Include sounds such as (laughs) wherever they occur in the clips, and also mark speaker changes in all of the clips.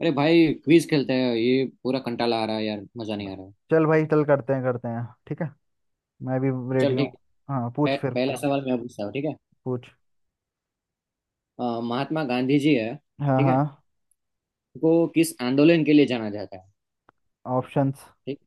Speaker 1: अरे भाई क्विज खेलते हैं। ये पूरा कंटाला आ रहा है यार, मजा नहीं आ रहा है।
Speaker 2: चल भाई, चल करते हैं करते हैं, ठीक है। मैं भी
Speaker 1: चल
Speaker 2: रेडी
Speaker 1: ठीक
Speaker 2: हूँ। हाँ पूछ,
Speaker 1: है।
Speaker 2: फिर
Speaker 1: पहला
Speaker 2: पूछ
Speaker 1: सवाल मैं पूछता हूँ, ठीक है।
Speaker 2: पूछ।
Speaker 1: महात्मा गांधी जी है,
Speaker 2: हाँ
Speaker 1: ठीक
Speaker 2: हाँ।
Speaker 1: है। उनको किस आंदोलन के लिए जाना जाता है?
Speaker 2: ऑप्शंस?
Speaker 1: ठीक।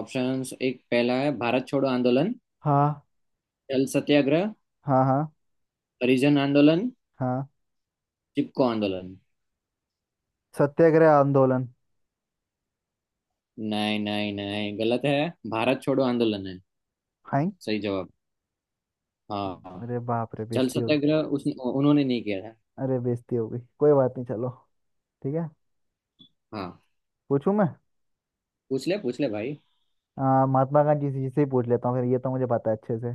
Speaker 1: ऑप्शंस, एक पहला है भारत छोड़ो आंदोलन,
Speaker 2: हाँ
Speaker 1: जल सत्याग्रह,
Speaker 2: हाँ हाँ
Speaker 1: हरिजन आंदोलन,
Speaker 2: हाँ।
Speaker 1: चिपको आंदोलन।
Speaker 2: सत्याग्रह आंदोलन।
Speaker 1: नहीं नहीं नहीं, गलत है। भारत छोड़ो आंदोलन है
Speaker 2: हाय।
Speaker 1: सही जवाब। हाँ,
Speaker 2: अरे बाप रे,
Speaker 1: जल
Speaker 2: बेइज्जती हो।
Speaker 1: सत्याग्रह उस, उन्होंने नहीं किया था।
Speaker 2: अरे बेइज्जती हो गई, कोई बात नहीं, चलो ठीक है।
Speaker 1: हाँ,
Speaker 2: पूछूं मैं।
Speaker 1: पूछ ले भाई।
Speaker 2: महात्मा गांधी जी से ही पूछ लेता हूँ, फिर ये तो मुझे पता है अच्छे से।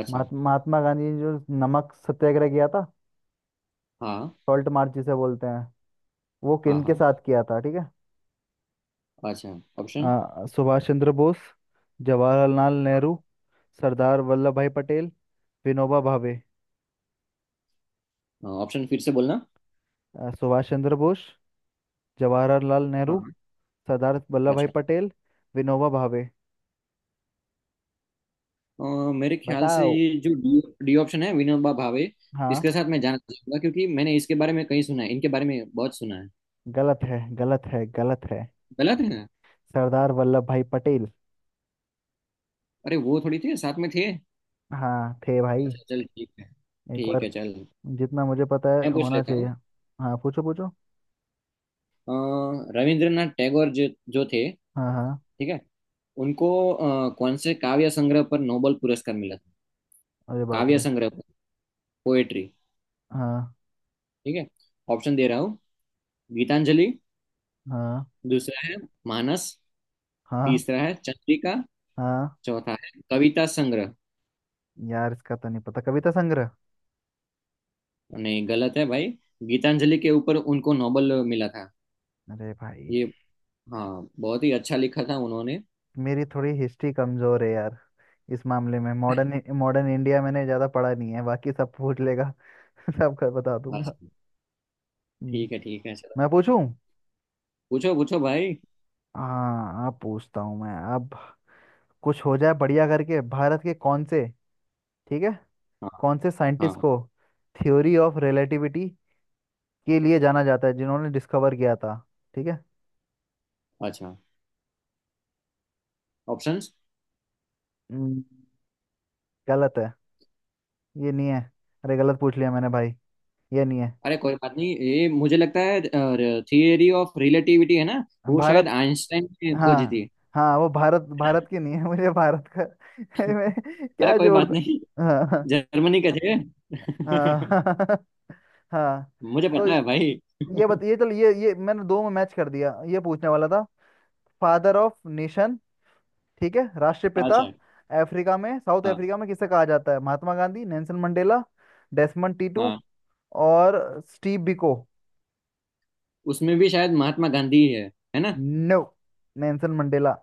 Speaker 1: अच्छा।
Speaker 2: महात्मा गांधी ने जो नमक सत्याग्रह किया था,
Speaker 1: हाँ
Speaker 2: सॉल्ट मार्च जिसे बोलते हैं, वो
Speaker 1: हाँ।
Speaker 2: किन के
Speaker 1: हाँ।
Speaker 2: साथ किया था, ठीक है।
Speaker 1: अच्छा। ऑप्शन।
Speaker 2: सुभाष चंद्र बोस, जवाहरलाल नेहरू, सरदार वल्लभ भाई पटेल, विनोबा भावे।
Speaker 1: ऑप्शन फिर से बोलना।
Speaker 2: सुभाष चंद्र बोस, जवाहरलाल नेहरू,
Speaker 1: हाँ।
Speaker 2: सरदार वल्लभ भाई
Speaker 1: अच्छा।
Speaker 2: पटेल, विनोबा भावे।
Speaker 1: अ, मेरे ख्याल से
Speaker 2: बताओ।
Speaker 1: ये जो डी डी ऑप्शन है विनोबा भावे, इसके
Speaker 2: हाँ।
Speaker 1: साथ मैं जाना चाहूंगा, क्योंकि मैंने इसके बारे में कहीं सुना है, इनके बारे में बहुत सुना है।
Speaker 2: गलत है, गलत है, गलत है।
Speaker 1: गलत है।
Speaker 2: सरदार वल्लभ भाई पटेल।
Speaker 1: अरे वो थोड़ी थे, साथ में थे।
Speaker 2: हाँ, थे भाई।
Speaker 1: अच्छा चल ठीक है।
Speaker 2: एक
Speaker 1: ठीक
Speaker 2: बार,
Speaker 1: है चल।
Speaker 2: जितना मुझे पता है
Speaker 1: मैं पूछ
Speaker 2: होना
Speaker 1: लेता
Speaker 2: चाहिए।
Speaker 1: हूँ।
Speaker 2: हाँ, पूछो पूछो।
Speaker 1: अ, रविंद्रनाथ टैगोर जो जो थे,
Speaker 2: हाँ हाँ।
Speaker 1: ठीक है। उनको कौन से काव्य संग्रह पर नोबेल पुरस्कार मिला था?
Speaker 2: अरे बाप
Speaker 1: काव्य
Speaker 2: रे।
Speaker 1: संग्रह पर, पोएट्री,
Speaker 2: हाँ
Speaker 1: ठीक है। ऑप्शन दे रहा हूँ। गीतांजलि।
Speaker 2: हाँ
Speaker 1: दूसरा है मानस।
Speaker 2: हाँ
Speaker 1: तीसरा है चंद्रिका।
Speaker 2: हाँ।
Speaker 1: चौथा है कविता संग्रह।
Speaker 2: यार, इसका तो नहीं पता, कविता संग्रह।
Speaker 1: नहीं, गलत है भाई। गीतांजलि के ऊपर उनको नोबेल मिला था
Speaker 2: अरे भाई।
Speaker 1: ये। हाँ, बहुत ही अच्छा लिखा था उन्होंने।
Speaker 2: मेरी थोड़ी हिस्ट्री कमजोर है यार, इस मामले में। मॉडर्न मॉडर्न इंडिया मैंने ज्यादा पढ़ा नहीं है, बाकी सब पूछ लेगा (laughs) सबका बता
Speaker 1: बस।
Speaker 2: दूंगा। हम्म,
Speaker 1: ठीक है चलो।
Speaker 2: मैं पूछूं।
Speaker 1: पूछो पूछो भाई।
Speaker 2: हाँ, आप पूछता हूँ मैं अब, कुछ हो जाए बढ़िया करके। भारत के कौन से, ठीक है,
Speaker 1: हाँ।
Speaker 2: कौन से साइंटिस्ट
Speaker 1: हाँ।
Speaker 2: को थ्योरी ऑफ रिलेटिविटी के लिए जाना जाता है, जिन्होंने डिस्कवर किया था, ठीक है।
Speaker 1: अच्छा। ऑप्शंस।
Speaker 2: हम्म, गलत है, ये नहीं है। अरे गलत पूछ लिया मैंने भाई, ये नहीं है।
Speaker 1: अरे कोई बात नहीं, ये मुझे लगता है थियरी ऑफ रिलेटिविटी है ना, वो शायद
Speaker 2: भारत।
Speaker 1: आइंस्टाइन ने खोजी
Speaker 2: हाँ।
Speaker 1: थी।
Speaker 2: हाँ, वो भारत भारत की नहीं है, मुझे भारत का (laughs) मैं
Speaker 1: अरे
Speaker 2: क्या
Speaker 1: कोई
Speaker 2: जोड़
Speaker 1: बात
Speaker 2: दूं?
Speaker 1: नहीं।
Speaker 2: हाँ।
Speaker 1: जर्मनी के थे (laughs)
Speaker 2: हाँ (laughs) हाँ।
Speaker 1: मुझे
Speaker 2: तो
Speaker 1: पता है भाई।
Speaker 2: ये
Speaker 1: (laughs)
Speaker 2: बताइए, चलो, ये मैंने दो में मैच कर दिया, ये पूछने वाला था। फादर ऑफ नेशन, ठीक है, राष्ट्रपिता।
Speaker 1: अच्छा।
Speaker 2: अफ्रीका में, साउथ
Speaker 1: हाँ
Speaker 2: अफ्रीका में किसे कहा जाता है? Mahatma Gandhi, Nelson Mandela, Desmond Tutu,
Speaker 1: हाँ।
Speaker 2: और स्टीव बिको।
Speaker 1: उसमें भी शायद महात्मा गांधी है ना?
Speaker 2: No, Nelson Mandela.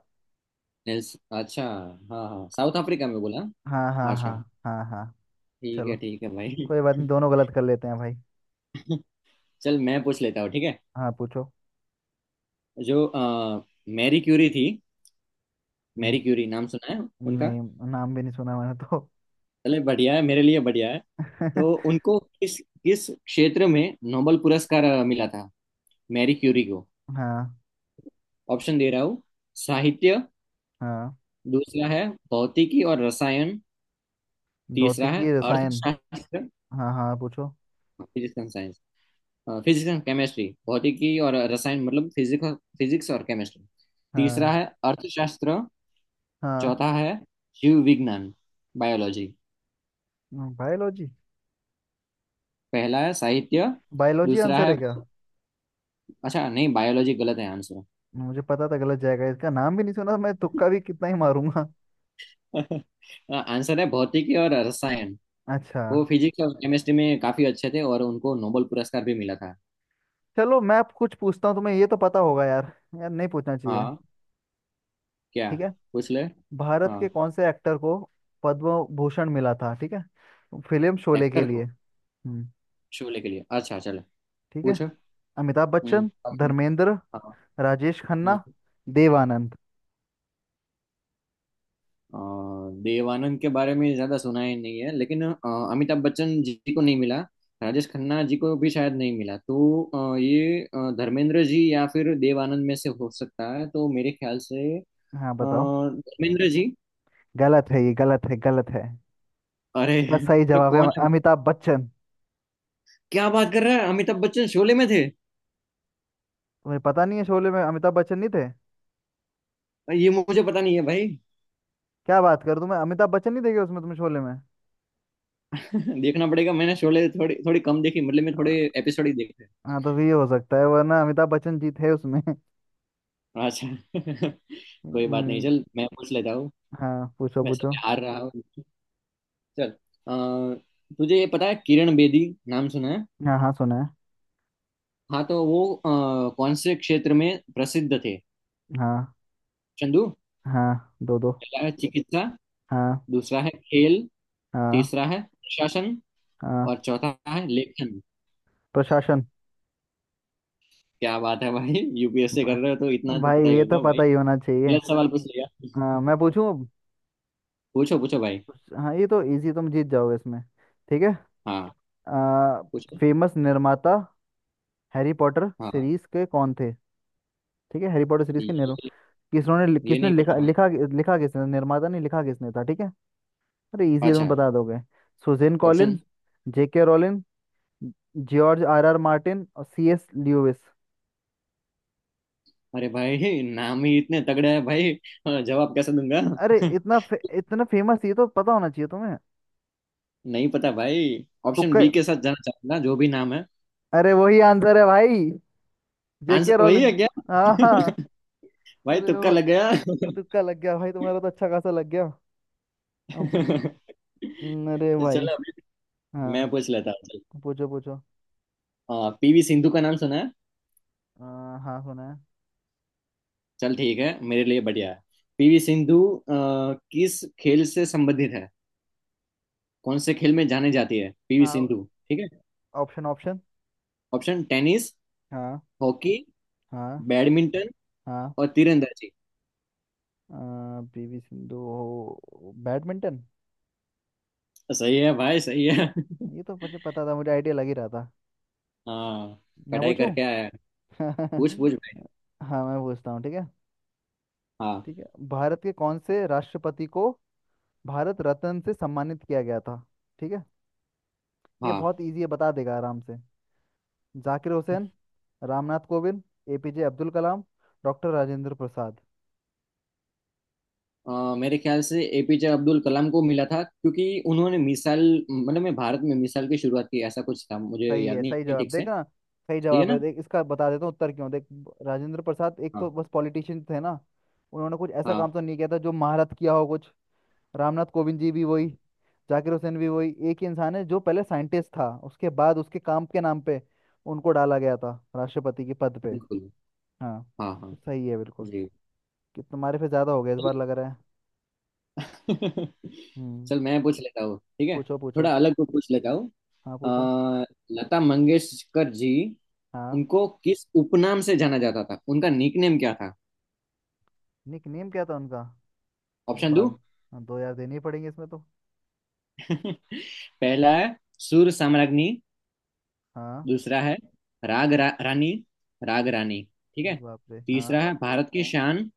Speaker 1: नेल्स अच्छा। हाँ हाँ, साउथ अफ्रीका में बोला। हाँ,
Speaker 2: हाँ हाँ हाँ।
Speaker 1: अच्छा।
Speaker 2: हाँ हाँ। चलो,
Speaker 1: ठीक है भाई।
Speaker 2: कोई बात नहीं, दोनों गलत कर लेते हैं भाई।
Speaker 1: (laughs) चल मैं पूछ लेता हूँ, ठीक है।
Speaker 2: हाँ पूछो।
Speaker 1: जो मैरी क्यूरी थी, मैरी क्यूरी नाम सुना है उनका?
Speaker 2: नहीं, नाम भी नहीं सुना मैंने तो
Speaker 1: चले, बढ़िया है, मेरे लिए बढ़िया है। तो
Speaker 2: (laughs)
Speaker 1: उनको किस किस क्षेत्र में नोबेल पुरस्कार मिला था, मैरी क्यूरी को?
Speaker 2: हाँ।
Speaker 1: ऑप्शन दे रहा हूँ। साहित्य।
Speaker 2: हाँ।
Speaker 1: दूसरा है भौतिकी और रसायन। तीसरा
Speaker 2: भौतिकी
Speaker 1: है
Speaker 2: की रसायन।
Speaker 1: अर्थशास्त्र।
Speaker 2: हाँ हाँ, पूछो।
Speaker 1: Physics and science, physics and chemistry, भौतिकी और रसायन, मतलब फिजिक्स, फिजिक्स और केमिस्ट्री। तीसरा
Speaker 2: हाँ।
Speaker 1: है अर्थशास्त्र।
Speaker 2: हाँ।
Speaker 1: चौथा है जीव विज्ञान, बायोलॉजी।
Speaker 2: बायोलॉजी।
Speaker 1: पहला है साहित्य।
Speaker 2: बायोलॉजी
Speaker 1: दूसरा
Speaker 2: आंसर है
Speaker 1: है,
Speaker 2: क्या?
Speaker 1: अच्छा नहीं, बायोलॉजी गलत है आंसर।
Speaker 2: मुझे पता था गलत जाएगा, इसका नाम भी नहीं सुना, मैं तुक्का भी कितना ही मारूंगा
Speaker 1: (laughs) आंसर है भौतिकी और रसायन।
Speaker 2: (laughs) अच्छा।
Speaker 1: वो फिजिक्स और केमिस्ट्री में काफी अच्छे थे और उनको नोबेल पुरस्कार भी मिला था।
Speaker 2: चलो मैं अब कुछ पूछता हूँ तुम्हें, ये तो पता होगा यार, यार नहीं पूछना चाहिए,
Speaker 1: हाँ। क्या?
Speaker 2: ठीक है।
Speaker 1: पूछ ले।
Speaker 2: भारत
Speaker 1: हाँ,
Speaker 2: के कौन से एक्टर को पद्म भूषण मिला था, ठीक है, फिल्म शोले के
Speaker 1: एक्टर
Speaker 2: लिए।
Speaker 1: को
Speaker 2: हम्म।
Speaker 1: शोले के लिए? अच्छा चलो
Speaker 2: ठीक है।
Speaker 1: पूछो।
Speaker 2: अमिताभ
Speaker 1: हम्म,
Speaker 2: बच्चन,
Speaker 1: okay.
Speaker 2: धर्मेंद्र,
Speaker 1: हाँ।
Speaker 2: राजेश खन्ना,
Speaker 1: हम्म।
Speaker 2: देव आनंद।
Speaker 1: अ, देवानंद के बारे में ज्यादा सुना ही नहीं है, लेकिन अमिताभ बच्चन जी को नहीं मिला, राजेश खन्ना जी को भी शायद नहीं मिला, तो ये धर्मेंद्र जी या फिर देवानंद में से हो सकता है, तो मेरे ख्याल से
Speaker 2: हाँ बताओ।
Speaker 1: धर्मेंद्र जी।
Speaker 2: गलत है, ये गलत है, गलत है।
Speaker 1: अरे,
Speaker 2: इसका सही
Speaker 1: तो
Speaker 2: जवाब है
Speaker 1: कौन है?
Speaker 2: अमिताभ बच्चन।
Speaker 1: क्या बात कर रहा है, अमिताभ बच्चन शोले में थे?
Speaker 2: तुम्हें पता नहीं है, शोले में अमिताभ बच्चन नहीं थे?
Speaker 1: ये मुझे पता नहीं है भाई।
Speaker 2: क्या बात कर, तुम्हें अमिताभ बच्चन नहीं देखे उसमें, तुम्हें शोले में?
Speaker 1: (laughs) देखना पड़ेगा, मैंने शोले थोड़ी थोड़ी कम देखी, मतलब मैं थोड़े
Speaker 2: हाँ।
Speaker 1: एपिसोड ही देखे।
Speaker 2: हाँ, तो भी ये हो सकता है, वरना अमिताभ बच्चन जी थे उसमें (laughs)
Speaker 1: अच्छा। (laughs) कोई बात नहीं,
Speaker 2: हम्म।
Speaker 1: चल मैं पूछ लेता हूँ।
Speaker 2: हाँ पूछो
Speaker 1: वैसे
Speaker 2: पूछो।
Speaker 1: मैं हार रहा हूँ। चल। अ, तुझे ये पता है किरण बेदी नाम सुना है?
Speaker 2: हाँ हाँ सुना है।
Speaker 1: हाँ, तो वो कौन से क्षेत्र में प्रसिद्ध थे?
Speaker 2: हाँ।
Speaker 1: चंदू।
Speaker 2: हाँ दो दो।
Speaker 1: पहला है चिकित्सा।
Speaker 2: हाँ
Speaker 1: दूसरा है खेल।
Speaker 2: हाँ
Speaker 1: तीसरा है प्रशासन।
Speaker 2: हाँ।
Speaker 1: और चौथा है लेखन।
Speaker 2: प्रशासन।
Speaker 1: क्या बात है भाई, यूपीएससी
Speaker 2: भ-
Speaker 1: कर रहे हो, तो इतना तो
Speaker 2: भाई
Speaker 1: पता ही
Speaker 2: ये तो
Speaker 1: होगा भाई।
Speaker 2: पता ही होना चाहिए।
Speaker 1: गलत सवाल पूछ लिया।
Speaker 2: हाँ, मैं पूछूं अब?
Speaker 1: पूछो पूछो भाई।
Speaker 2: हाँ, ये तो इजी, तुम जीत जाओगे इसमें, ठीक है।
Speaker 1: हाँ
Speaker 2: आ,
Speaker 1: पूछो।
Speaker 2: फेमस निर्माता हैरी पॉटर
Speaker 1: हाँ।
Speaker 2: सीरीज के कौन थे, ठीक है, हैरी पॉटर सीरीज के
Speaker 1: ये।
Speaker 2: निर्म किसने ने
Speaker 1: ये
Speaker 2: किसने
Speaker 1: नहीं पता
Speaker 2: लिखा
Speaker 1: भाई।
Speaker 2: लिखा लिखा किसने, निर्माता नहीं, लिखा किसने था, ठीक है। अरे इजी है,
Speaker 1: अच्छा।
Speaker 2: तुम बता दोगे। Suzanne
Speaker 1: option.
Speaker 2: Collin, J K Rowling, George R R Martin और सी एस ल्यूइस।
Speaker 1: अरे भाई नाम ही इतने तगड़े हैं भाई। हाँ, जवाब कैसे दूंगा?
Speaker 2: अरे
Speaker 1: (laughs)
Speaker 2: इतना फेमस, ये तो पता होना चाहिए तुम्हें।
Speaker 1: नहीं पता भाई, ऑप्शन
Speaker 2: तुक्का।
Speaker 1: बी के साथ जाना चाहूंगा, जो भी नाम है।
Speaker 2: अरे वही आंसर है भाई, जेके
Speaker 1: आंसर वही है
Speaker 2: रोलिन।
Speaker 1: क्या?
Speaker 2: हाँ हाँ।
Speaker 1: (laughs) भाई
Speaker 2: अरे
Speaker 1: तुक्का लग
Speaker 2: भाई,
Speaker 1: गया।
Speaker 2: तुक्का लग गया भाई, तुम्हारा तो अच्छा खासा लग गया।
Speaker 1: (laughs)
Speaker 2: अब।
Speaker 1: चलो।
Speaker 2: अरे भाई।
Speaker 1: अभी।
Speaker 2: हाँ
Speaker 1: मैं पूछ लेता हूँ चल।
Speaker 2: पूछो पूछो।
Speaker 1: पीवी सिंधु का नाम सुना है?
Speaker 2: हाँ सुना है।
Speaker 1: चल ठीक है, मेरे लिए बढ़िया है। पीवी सिंधु अ, किस खेल से संबंधित है, कौन से खेल में जाने जाती है पीवी
Speaker 2: हाँ।
Speaker 1: सिंधु? ठीक है।
Speaker 2: Option option.
Speaker 1: ऑप्शन टेनिस,
Speaker 2: हाँ
Speaker 1: हॉकी,
Speaker 2: हाँ
Speaker 1: बैडमिंटन,
Speaker 2: हाँ।
Speaker 1: और तीरंदाजी।
Speaker 2: पीवी सिंधु हो बैडमिंटन।
Speaker 1: सही है भाई सही है। (laughs)
Speaker 2: ये तो मुझे पता था, मुझे आइडिया लग ही रहा था।
Speaker 1: हाँ,
Speaker 2: मैं
Speaker 1: पढ़ाई
Speaker 2: पूछूं
Speaker 1: करके आया है। पूछ
Speaker 2: (laughs)
Speaker 1: पूछ भाई।
Speaker 2: हाँ, मैं पूछता हूँ, ठीक है।
Speaker 1: हाँ।
Speaker 2: ठीक है, भारत के कौन से राष्ट्रपति को भारत रत्न से सम्मानित किया गया था, ठीक है। ये
Speaker 1: हाँ।
Speaker 2: बहुत इजी है, बता देगा आराम से। जाकिर हुसैन, रामनाथ कोविंद, एपीजे अब्दुल कलाम, डॉक्टर राजेंद्र प्रसाद।
Speaker 1: मेरे ख्याल से एपीजे अब्दुल कलाम को मिला था, क्योंकि उन्होंने मिसाल, मतलब मैं भारत में मिसाल की शुरुआत की, ऐसा कुछ था, मुझे
Speaker 2: सही
Speaker 1: याद
Speaker 2: है,
Speaker 1: नहीं
Speaker 2: सही
Speaker 1: है
Speaker 2: जवाब
Speaker 1: ठीक से।
Speaker 2: देखना। सही
Speaker 1: सही है
Speaker 2: जवाब है,
Speaker 1: ना?
Speaker 2: देख इसका बता देता हूँ उत्तर क्यों। देख राजेंद्र प्रसाद एक तो
Speaker 1: हाँ।
Speaker 2: बस पॉलिटिशियन थे ना, उन्होंने कुछ ऐसा काम
Speaker 1: हाँ
Speaker 2: तो नहीं किया था जो महारत किया हो कुछ। रामनाथ कोविंद जी भी वही, जाकिर हुसैन भी वही। एक ही इंसान है जो पहले साइंटिस्ट था, उसके बाद उसके काम के नाम पे उनको डाला गया था राष्ट्रपति के पद पे।
Speaker 1: बिल्कुल।
Speaker 2: हाँ,
Speaker 1: हाँ
Speaker 2: तो
Speaker 1: हाँ।
Speaker 2: सही है बिल्कुल,
Speaker 1: जी।
Speaker 2: कि तुम्हारे पे ज्यादा हो गया इस बार लग रहा है।
Speaker 1: (laughs)
Speaker 2: हम्म।
Speaker 1: चल मैं पूछ लेता हूँ, ठीक है।
Speaker 2: पूछो पूछो।
Speaker 1: थोड़ा अलग को पूछ लेता हूँ।
Speaker 2: हाँ पूछो।
Speaker 1: अ, लता मंगेशकर जी,
Speaker 2: हाँ।
Speaker 1: उनको किस उपनाम से जाना जाता था, उनका निकनेम क्या था?
Speaker 2: निक नेम क्या था उनका? अरे
Speaker 1: ऑप्शन दो।
Speaker 2: बाप। हाँ, दो यार देनी पड़ेंगे इसमें तो।
Speaker 1: (laughs) पहला है सुर साम्राज्ञी।
Speaker 2: हाँ।
Speaker 1: दूसरा है रानी, राग रानी, ठीक है।
Speaker 2: अरे बाप रे, हाँ।
Speaker 1: तीसरा है भारत की है शान।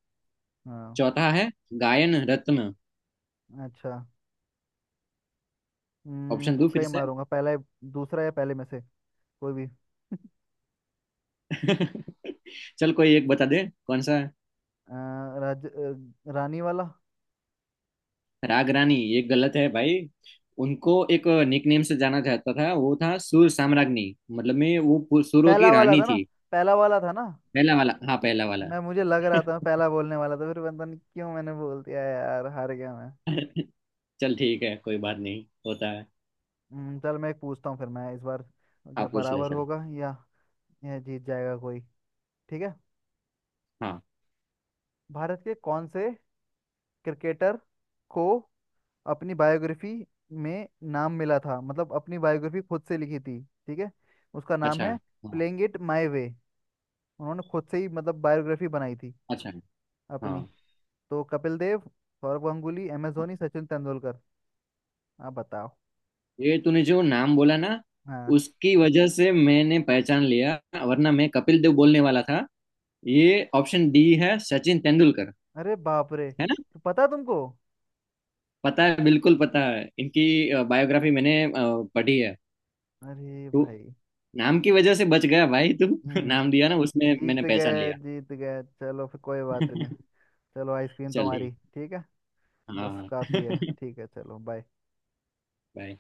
Speaker 2: हाँ।
Speaker 1: चौथा है गायन रत्न।
Speaker 2: अच्छा।
Speaker 1: ऑप्शन दो
Speaker 2: तुक्का
Speaker 1: फिर
Speaker 2: ही
Speaker 1: से।
Speaker 2: मारूंगा, पहला या दूसरा, या पहले में से कोई भी (laughs)
Speaker 1: (laughs) चल कोई एक बता दे, कौन सा है?
Speaker 2: अ, राज रानी वाला।
Speaker 1: राग रानी, ये गलत है भाई। उनको एक निकनेम से जाना जाता था, वो था सुर साम्राज्ञी, मतलब में वो सुरों
Speaker 2: पहला
Speaker 1: की
Speaker 2: वाला
Speaker 1: रानी
Speaker 2: था ना।
Speaker 1: थी।
Speaker 2: पहला वाला था ना।
Speaker 1: पहला वाला, हाँ पहला वाला।
Speaker 2: मैं मुझे लग रहा था,
Speaker 1: (laughs)
Speaker 2: मैं पहला बोलने वाला था, फिर पता नहीं क्यों मैंने बोल दिया यार, हार गया मैं।
Speaker 1: चल ठीक है, कोई बात नहीं, होता है।
Speaker 2: चल मैं एक पूछता हूँ फिर, मैं इस बार,
Speaker 1: हाँ
Speaker 2: या
Speaker 1: पूछ ले
Speaker 2: बराबर
Speaker 1: चल।
Speaker 2: होगा, या जीत जाएगा कोई, ठीक है।
Speaker 1: हाँ।
Speaker 2: भारत के कौन से क्रिकेटर को अपनी बायोग्राफी में नाम मिला था, मतलब अपनी बायोग्राफी खुद से लिखी थी, ठीक है। उसका नाम
Speaker 1: अच्छा।
Speaker 2: है
Speaker 1: हाँ।
Speaker 2: प्लेइंग इट माय वे, उन्होंने खुद से ही मतलब बायोग्राफी बनाई थी
Speaker 1: अच्छा।
Speaker 2: अपनी।
Speaker 1: हाँ,
Speaker 2: तो कपिल देव, सौरव गांगुली, एम एस धोनी, सचिन तेंदुलकर, आप बताओ।
Speaker 1: ये तूने जो नाम बोला ना,
Speaker 2: हाँ।
Speaker 1: उसकी वजह से मैंने पहचान लिया, वरना मैं कपिल देव बोलने वाला था। ये ऑप्शन डी है, सचिन तेंदुलकर,
Speaker 2: अरे बाप रे,
Speaker 1: है ना?
Speaker 2: तो पता तुमको।
Speaker 1: पता है, बिल्कुल पता है, इनकी बायोग्राफी मैंने पढ़ी है।
Speaker 2: अरे
Speaker 1: तो
Speaker 2: भाई।
Speaker 1: नाम की वजह से बच गया भाई तू। (laughs)
Speaker 2: हम्म।
Speaker 1: नाम दिया ना उसमें, मैंने
Speaker 2: जीत
Speaker 1: पहचान
Speaker 2: गए,
Speaker 1: लिया।
Speaker 2: जीत गए, चलो फिर, कोई बात नहीं।
Speaker 1: (laughs)
Speaker 2: चलो, आइसक्रीम
Speaker 1: चल
Speaker 2: तुम्हारी,
Speaker 1: ठीक।
Speaker 2: ठीक है, बस
Speaker 1: हाँ।
Speaker 2: काफी है।
Speaker 1: (laughs)
Speaker 2: ठीक है, चलो, बाय।
Speaker 1: बाय।